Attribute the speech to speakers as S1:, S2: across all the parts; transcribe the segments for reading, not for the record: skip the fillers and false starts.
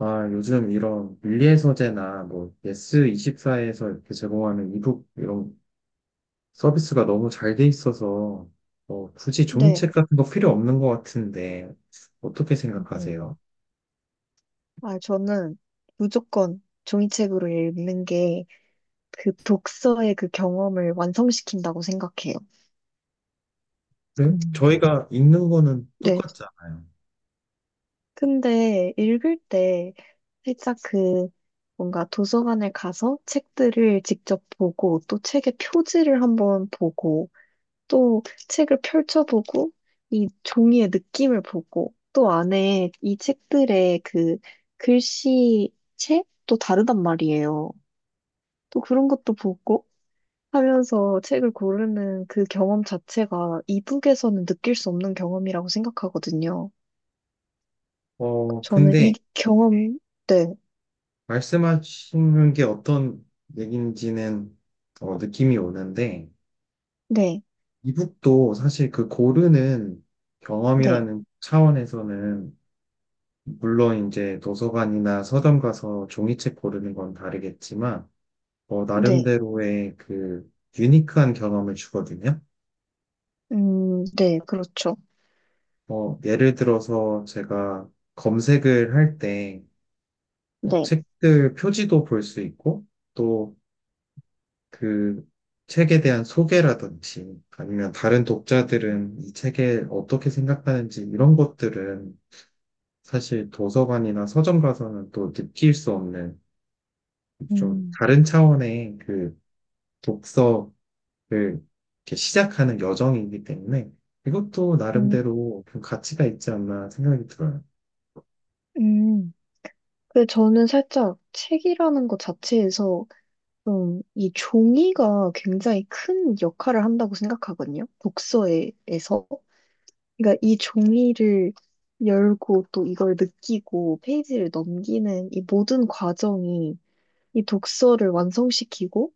S1: 아, 요즘 이런 밀리의 서재나 뭐 예스24에서 이렇게 제공하는 이북 이런 서비스가 너무 잘 돼 있어서 뭐 굳이
S2: 네.
S1: 종이책 같은 거 필요 없는 것 같은데 어떻게 생각하세요?
S2: 음. 아, 저는 무조건 종이책으로 읽는 게 그 독서의 그 경험을 완성시킨다고 생각해요.
S1: 그래?
S2: 음.
S1: 저희가 읽는 거는
S2: 네.
S1: 똑같잖아요.
S2: 근데 읽을 때 살짝 그 뭔가 도서관에 가서 책들을 직접 보고 또 책의 표지를 한번 보고 또 책을 펼쳐보고 이 종이의 느낌을 보고 또 안에 이 책들의 그 글씨체 또 다르단 말이에요. 또 그런 것도 보고 하면서 책을 고르는 그 경험 자체가 이북에서는 느낄 수 없는 경험이라고 생각하거든요.
S1: 어,
S2: 저는 이
S1: 근데
S2: 경험, 네,
S1: 말씀하시는 게 어떤 얘기인지는 어, 느낌이 오는데
S2: 네,
S1: 이북도 사실 그 고르는
S2: 네,
S1: 경험이라는 차원에서는 물론 이제 도서관이나 서점 가서 종이책 고르는 건 다르겠지만, 어,
S2: 네,
S1: 나름대로의 그 유니크한 경험을 주거든요.
S2: 네, 그렇죠.
S1: 어, 예를 들어서 제가 검색을 할때 어,
S2: 네,
S1: 책들 표지도 볼 수 있고, 또 그 책에 대한 소개라든지, 아니면 다른 독자들은 이 책에 어떻게 생각하는지 이런 것들은 사실 도서관이나 서점 가서는 또 느낄 수 없는 좀
S2: 음,
S1: 다른 차원의 그 독서를 이렇게 시작하는 여정이기 때문에 이것도
S2: 음,
S1: 나름대로 좀 가치가 있지 않나 생각이 들어요.
S2: 음. 근데 저는 살짝 책이라는 것 자체에서 좀 이 종이가 굉장히 큰 역할을 한다고 생각하거든요. 독서에서. 그러니까 이 종이를 열고 또 이걸 느끼고 페이지를 넘기는 이 모든 과정이 이 독서를 완성시키고,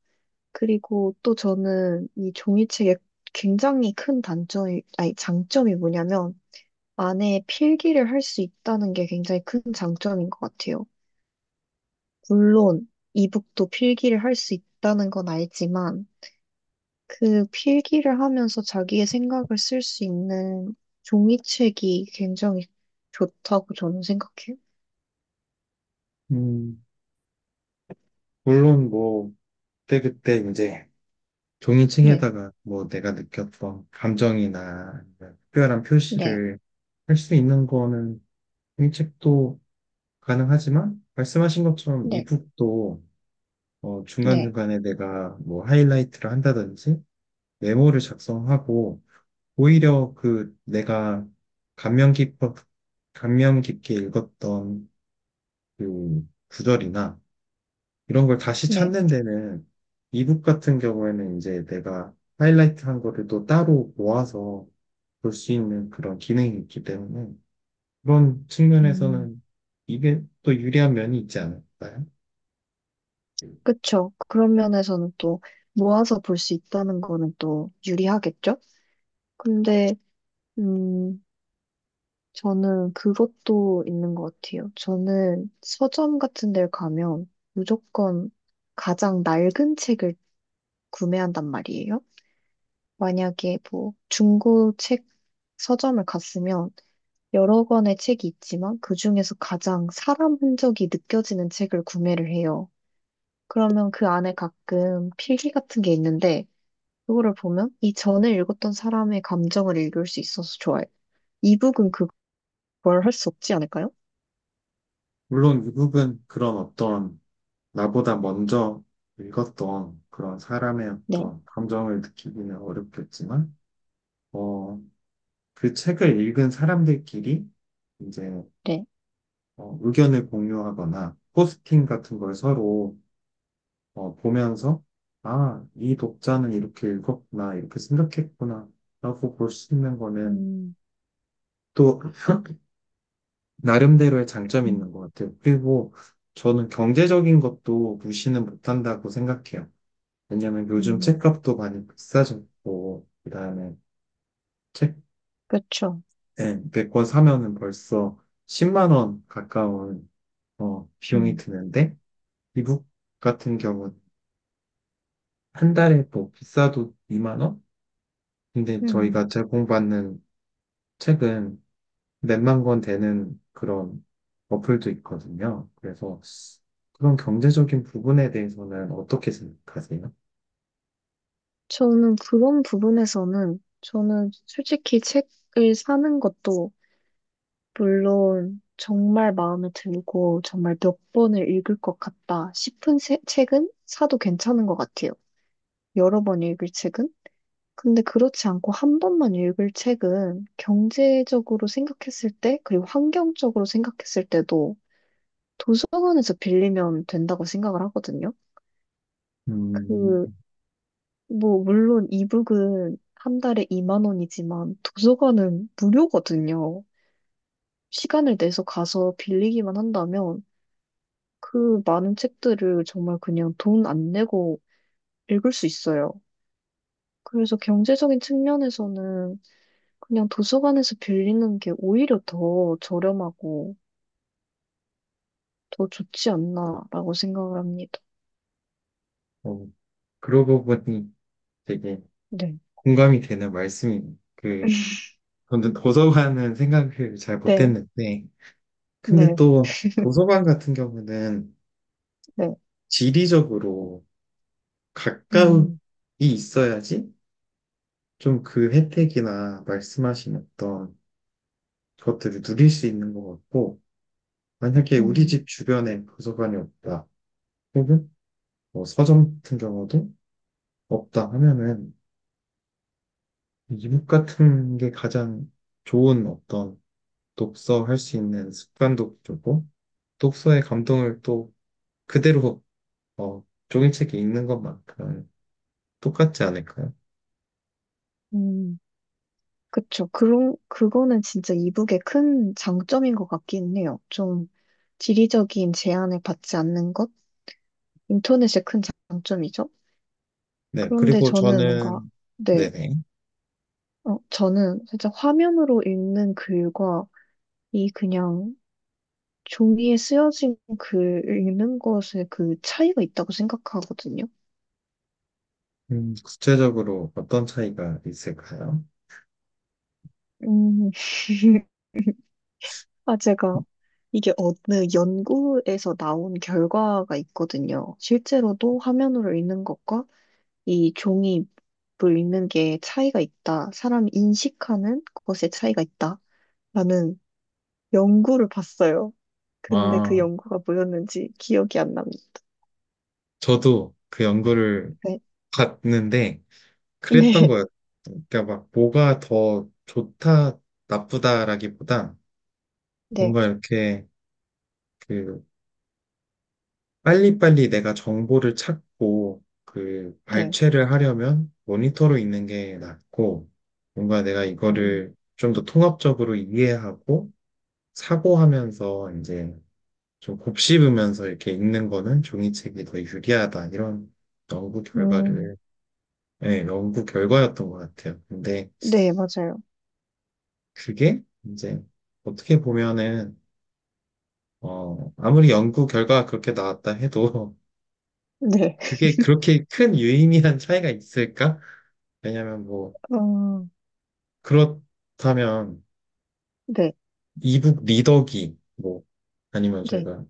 S2: 그리고 또 저는 이 종이책의 굉장히 큰 단점이, 아니 장점이 뭐냐면 안에 필기를 할 수 있다는 게 굉장히 큰 장점인 것 같아요. 물론 이북도 필기를 할 수 있다는 건 알지만 그 필기를 하면서 자기의 생각을 쓸 수 있는 종이책이 굉장히 좋다고 저는 생각해요.
S1: 음, 물론 뭐 그때그때 이제
S2: 네,
S1: 종이책에다가 뭐 내가 느꼈던 감정이나 아니면 특별한
S2: 네,
S1: 표시를 할 수 있는 거는 종이책도 가능하지만 말씀하신 것처럼
S2: 네,
S1: 이북도 어,
S2: 네,
S1: 중간중간에 내가 뭐 하이라이트를 한다든지 메모를 작성하고 오히려 그 내가 감명 깊어, 감명 깊게 읽었던 그 구절이나 이런 걸 다시
S2: 네.
S1: 찾는 데는 이북 같은 경우에는 이제 내가 하이라이트 한 거를 또 따로 모아서 볼 수 있는 그런 기능이 있기 때문에 그런
S2: 음,
S1: 측면에서는 이게 또 유리한 면이 있지 않을까요?
S2: 그쵸. 그런 면에서는 또 모아서 볼 수 있다는 거는 또 유리하겠죠? 근데, 음, 저는 그것도 있는 것 같아요. 저는 서점 같은 데 가면 무조건 가장 낡은 책을 구매한단 말이에요. 만약에 뭐 중고 책 서점을 갔으면 여러 권의 책이 있지만 그 중에서 가장 사람 흔적이 느껴지는 책을 구매를 해요. 그러면 그 안에 가끔 필기 같은 게 있는데 그거를 보면 이 전에 읽었던 사람의 감정을 읽을 수 있어서 좋아요. 이북은 그걸 할 수 없지 않을까요?
S1: 물론 이북은 그런 어떤 나보다 먼저 읽었던 그런 사람의
S2: 네,
S1: 어떤 감정을 느끼기는 어렵겠지만, 어, 그 책을 읽은 사람들끼리 이제
S2: 네.
S1: 어, 의견을 공유하거나 포스팅 같은 걸 서로 어, 보면서 아, 이 독자는 이렇게 읽었구나, 이렇게 생각했구나 라고 볼 수 있는 거는
S2: 음,
S1: 또 나름대로의 장점이
S2: 음,
S1: 있는 것 같아요. 그리고 저는 경제적인 것도 무시는 못한다고 생각해요. 왜냐면 요즘
S2: 음,
S1: 책값도 많이 비싸졌고, 그다음에 책
S2: 그렇죠.
S1: 예, 100권 사면은 벌써 10만 원 가까운 어, 비용이
S2: 음.
S1: 드는데, 미국 같은 경우는 한 달에 뭐 비싸도 2만 원? 근데
S2: 음,
S1: 저희가 제공받는 책은 몇만 권 되는 그런 어플도 있거든요. 그래서 그런 경제적인 부분에 대해서는 어떻게 생각하세요?
S2: 저는 그런 부분에서는 저는 솔직히 책을 사는 것도 물론 정말 마음에 들고 정말 몇 번을 읽을 것 같다 싶은 책은 사도 괜찮은 것 같아요. 여러 번 읽을 책은? 근데 그렇지 않고 한 번만 읽을 책은 경제적으로 생각했을 때, 그리고 환경적으로 생각했을 때도 도서관에서 빌리면 된다고 생각을 하거든요.
S1: 음,
S2: 그, 뭐, 물론 이북은 한 달에 2만 원이지만 도서관은 무료거든요. 시간을 내서 가서 빌리기만 한다면 그 많은 책들을 정말 그냥 돈 안 내고 읽을 수 있어요. 그래서 경제적인 측면에서는 그냥 도서관에서 빌리는 게 오히려 더 저렴하고 더 좋지 않나라고 생각을 합니다.
S1: 어, 그러고 보니 되게
S2: 네,
S1: 공감이 되는 말씀이네요. 그, 저는 도서관은 생각을 잘
S2: 네,
S1: 못했는데, 근데
S2: 네,
S1: 또 도서관 같은 경우는
S2: 네.
S1: 지리적으로 가까이
S2: 음,
S1: 있어야지 좀 그 혜택이나 말씀하신 어떤 것들을 누릴 수 있는 것 같고, 만약에 우리
S2: 음,
S1: 집 주변에 도서관이 없다, 혹은 뭐 서점 같은 경우도 없다 하면은 이북 같은 게 가장 좋은 어떤 독서 할 수 있는 습관도 주고, 독서의 감동을 또 그대로 어, 종이책에 있는 것만큼 똑같지 않을까요?
S2: 음. 그쵸. 그런, 그거는 진짜 이북의 큰 장점인 것 같긴 해요. 좀 지리적인 제한을 받지 않는 것? 인터넷의 큰 장점이죠.
S1: 네,
S2: 그런데
S1: 그리고
S2: 저는 뭔가,
S1: 저는,
S2: 네.
S1: 네네.
S2: 어, 저는 살짝 화면으로 읽는 글과 이 그냥 종이에 쓰여진 글 읽는 것의 그 차이가 있다고 생각하거든요.
S1: 구체적으로 어떤 차이가 있을까요?
S2: 음, 아, 제가 이게 어느 연구에서 나온 결과가 있거든요. 실제로도 화면으로 읽는 것과 이 종이로 읽는 게 차이가 있다. 사람이 인식하는 것의 차이가 있다. 라는 연구를 봤어요. 근데 그
S1: 아,
S2: 연구가 뭐였는지 기억이 안 납니다.
S1: 저도 그 연구를
S2: 네.
S1: 봤는데 그랬던
S2: 네.
S1: 거예요. 그러니까 막 뭐가 더 좋다, 나쁘다라기보다
S2: 네.
S1: 뭔가 이렇게 그 빨리빨리 내가 정보를 찾고 그
S2: 네.
S1: 발췌를 하려면 모니터로 있는 게 낫고 뭔가 내가
S2: 음,
S1: 이거를 좀 더 통합적으로 이해하고 사고하면서 이제 좀 곱씹으면서 이렇게 읽는 거는 종이책이 더 유리하다 이런 연구
S2: 음,
S1: 결과를 예, 연구 결과였던 것 같아요. 근데
S2: 네, 맞아요.
S1: 그게 이제 어떻게 보면은 어 아무리 연구 결과가 그렇게 나왔다 해도
S2: 네.
S1: 그게 그렇게 큰 유의미한 차이가 있을까? 왜냐면 뭐
S2: 어,
S1: 그렇다면
S2: 네,
S1: 이북 리더기 뭐 아니면
S2: 네,
S1: 저희가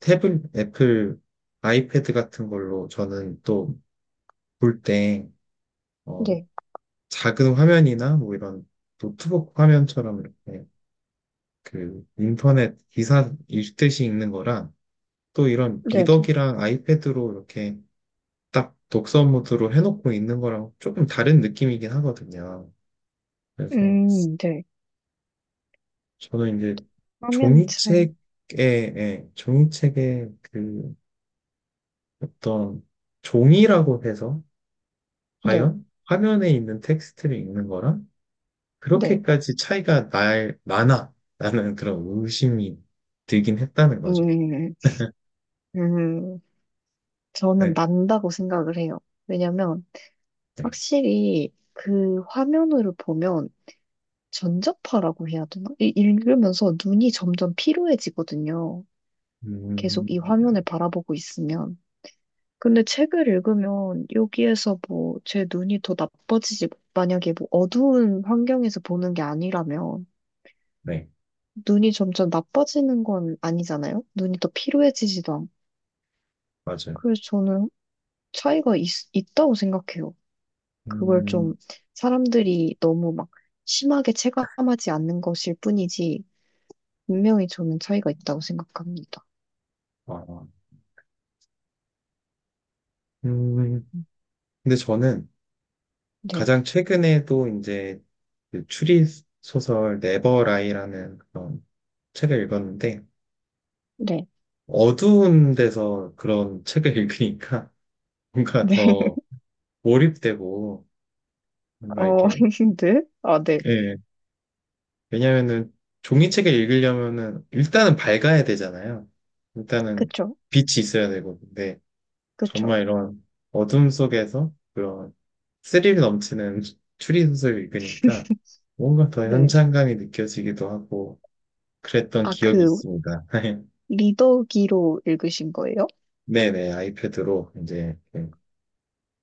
S1: 태블 애플 아이패드 같은 걸로 저는 또 볼때
S2: 네,
S1: 작은 화면이나 뭐 이런 노트북 화면처럼 이렇게 그 인터넷 기사 읽듯이 읽는 거랑 또 이런
S2: 네, 네.
S1: 리더기랑 아이패드로 이렇게 딱 독서 모드로 해놓고 읽는 거랑 조금 다른 느낌이긴 하거든요. 그래서
S2: 네.
S1: 저는 이제
S2: 화면의 차이.
S1: 종이책에, 예, 종이책의 그 어떤 종이라고 해서
S2: 네,
S1: 과연 화면에 있는 텍스트를 읽는 거랑
S2: 네.
S1: 그렇게까지 나나? 라는 그런 의심이 들긴 했다는 거죠.
S2: 음, 음, 저는
S1: 네,
S2: 난다고 생각을 해요. 왜냐면,
S1: 네.
S2: 확실히 그 화면으로 보면 전자파라고 해야 되나? 읽으면서 눈이 점점 피로해지거든요.
S1: 음,
S2: 계속 이
S1: 네,
S2: 화면을 바라보고 있으면. 근데 책을 읽으면 여기에서 뭐 제 눈이 더 나빠지지, 만약에 뭐 어두운 환경에서 보는 게 아니라면
S1: 네,
S2: 눈이 점점 나빠지는 건 아니잖아요? 눈이 더 피로해지지도 않고.
S1: 맞아요.
S2: 그래서 저는 차이가 있, 있다고 생각해요. 그걸
S1: 음,
S2: 좀 사람들이 너무 막 심하게 체감하지 않는 것일 뿐이지, 분명히 저는 차이가 있다고 생각합니다.
S1: 아, 음,
S2: 음,
S1: 근데 저는
S2: 네,
S1: 가장 최근에도 이제 그 추리소설 네버라이라는 그런 책을 읽었는데,
S2: 네,
S1: 어두운 데서 그런 책을 읽으니까 뭔가
S2: 네.
S1: 더 몰입되고, 뭔가
S2: 어,
S1: 이렇게,
S2: 네. 아, 네.
S1: 예, 왜냐면은 종이책을 읽으려면은 일단은 밝아야 되잖아요. 일단은
S2: 그쵸,
S1: 빛이 있어야 되고. 근데
S2: 그쵸.
S1: 정말 이런 어둠 속에서 그런 스릴 넘치는 추리소설을 읽으니까 뭔가 더
S2: 네.
S1: 현장감이 느껴지기도 하고 그랬던
S2: 아,
S1: 기억이
S2: 그,
S1: 있습니다.
S2: 리더기로 읽으신 거예요?
S1: 네네, 아이패드로 이제 이렇게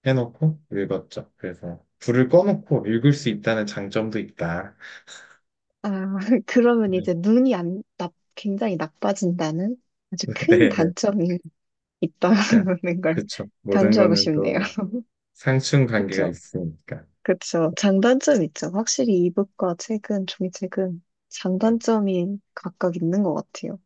S1: 해놓고 읽었죠. 그래서 불을 꺼놓고 읽을 수 있다는 장점도 있다.
S2: 아, 그러면
S1: 네,
S2: 이제 눈이 안, 나, 굉장히 나빠진다는 아주 큰
S1: 네네.
S2: 단점이
S1: 그러니까
S2: 있다는 걸
S1: 그쵸. 모든
S2: 강조하고
S1: 거는
S2: 싶네요.
S1: 또 상충 관계가
S2: 그쵸?
S1: 있으니까.
S2: 그쵸. 장단점 있죠. 확실히 이북과 책은, 종이책은
S1: 네.
S2: 장단점이 각각 있는 것 같아요.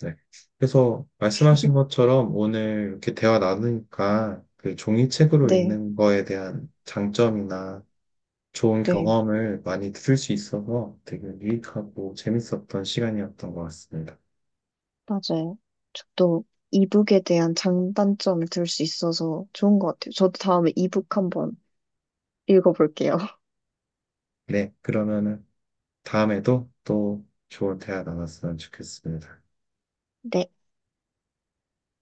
S1: 네. 그래서 말씀하신 것처럼 오늘 이렇게 대화 나누니까 그 종이책으로
S2: 네,
S1: 읽는 거에 대한 장점이나 좋은
S2: 네,
S1: 경험을 많이 들을 수 있어서 되게 유익하고 재밌었던 시간이었던 것 같습니다.
S2: 맞아요. 저도 이북에 대한 장단점을 들 수 있어서 좋은 것 같아요. 저도 다음에 이북 한번 읽어볼게요.
S1: 네. 그러면은 다음에도 또 좋은 대화 나눴으면 좋겠습니다.
S2: 네.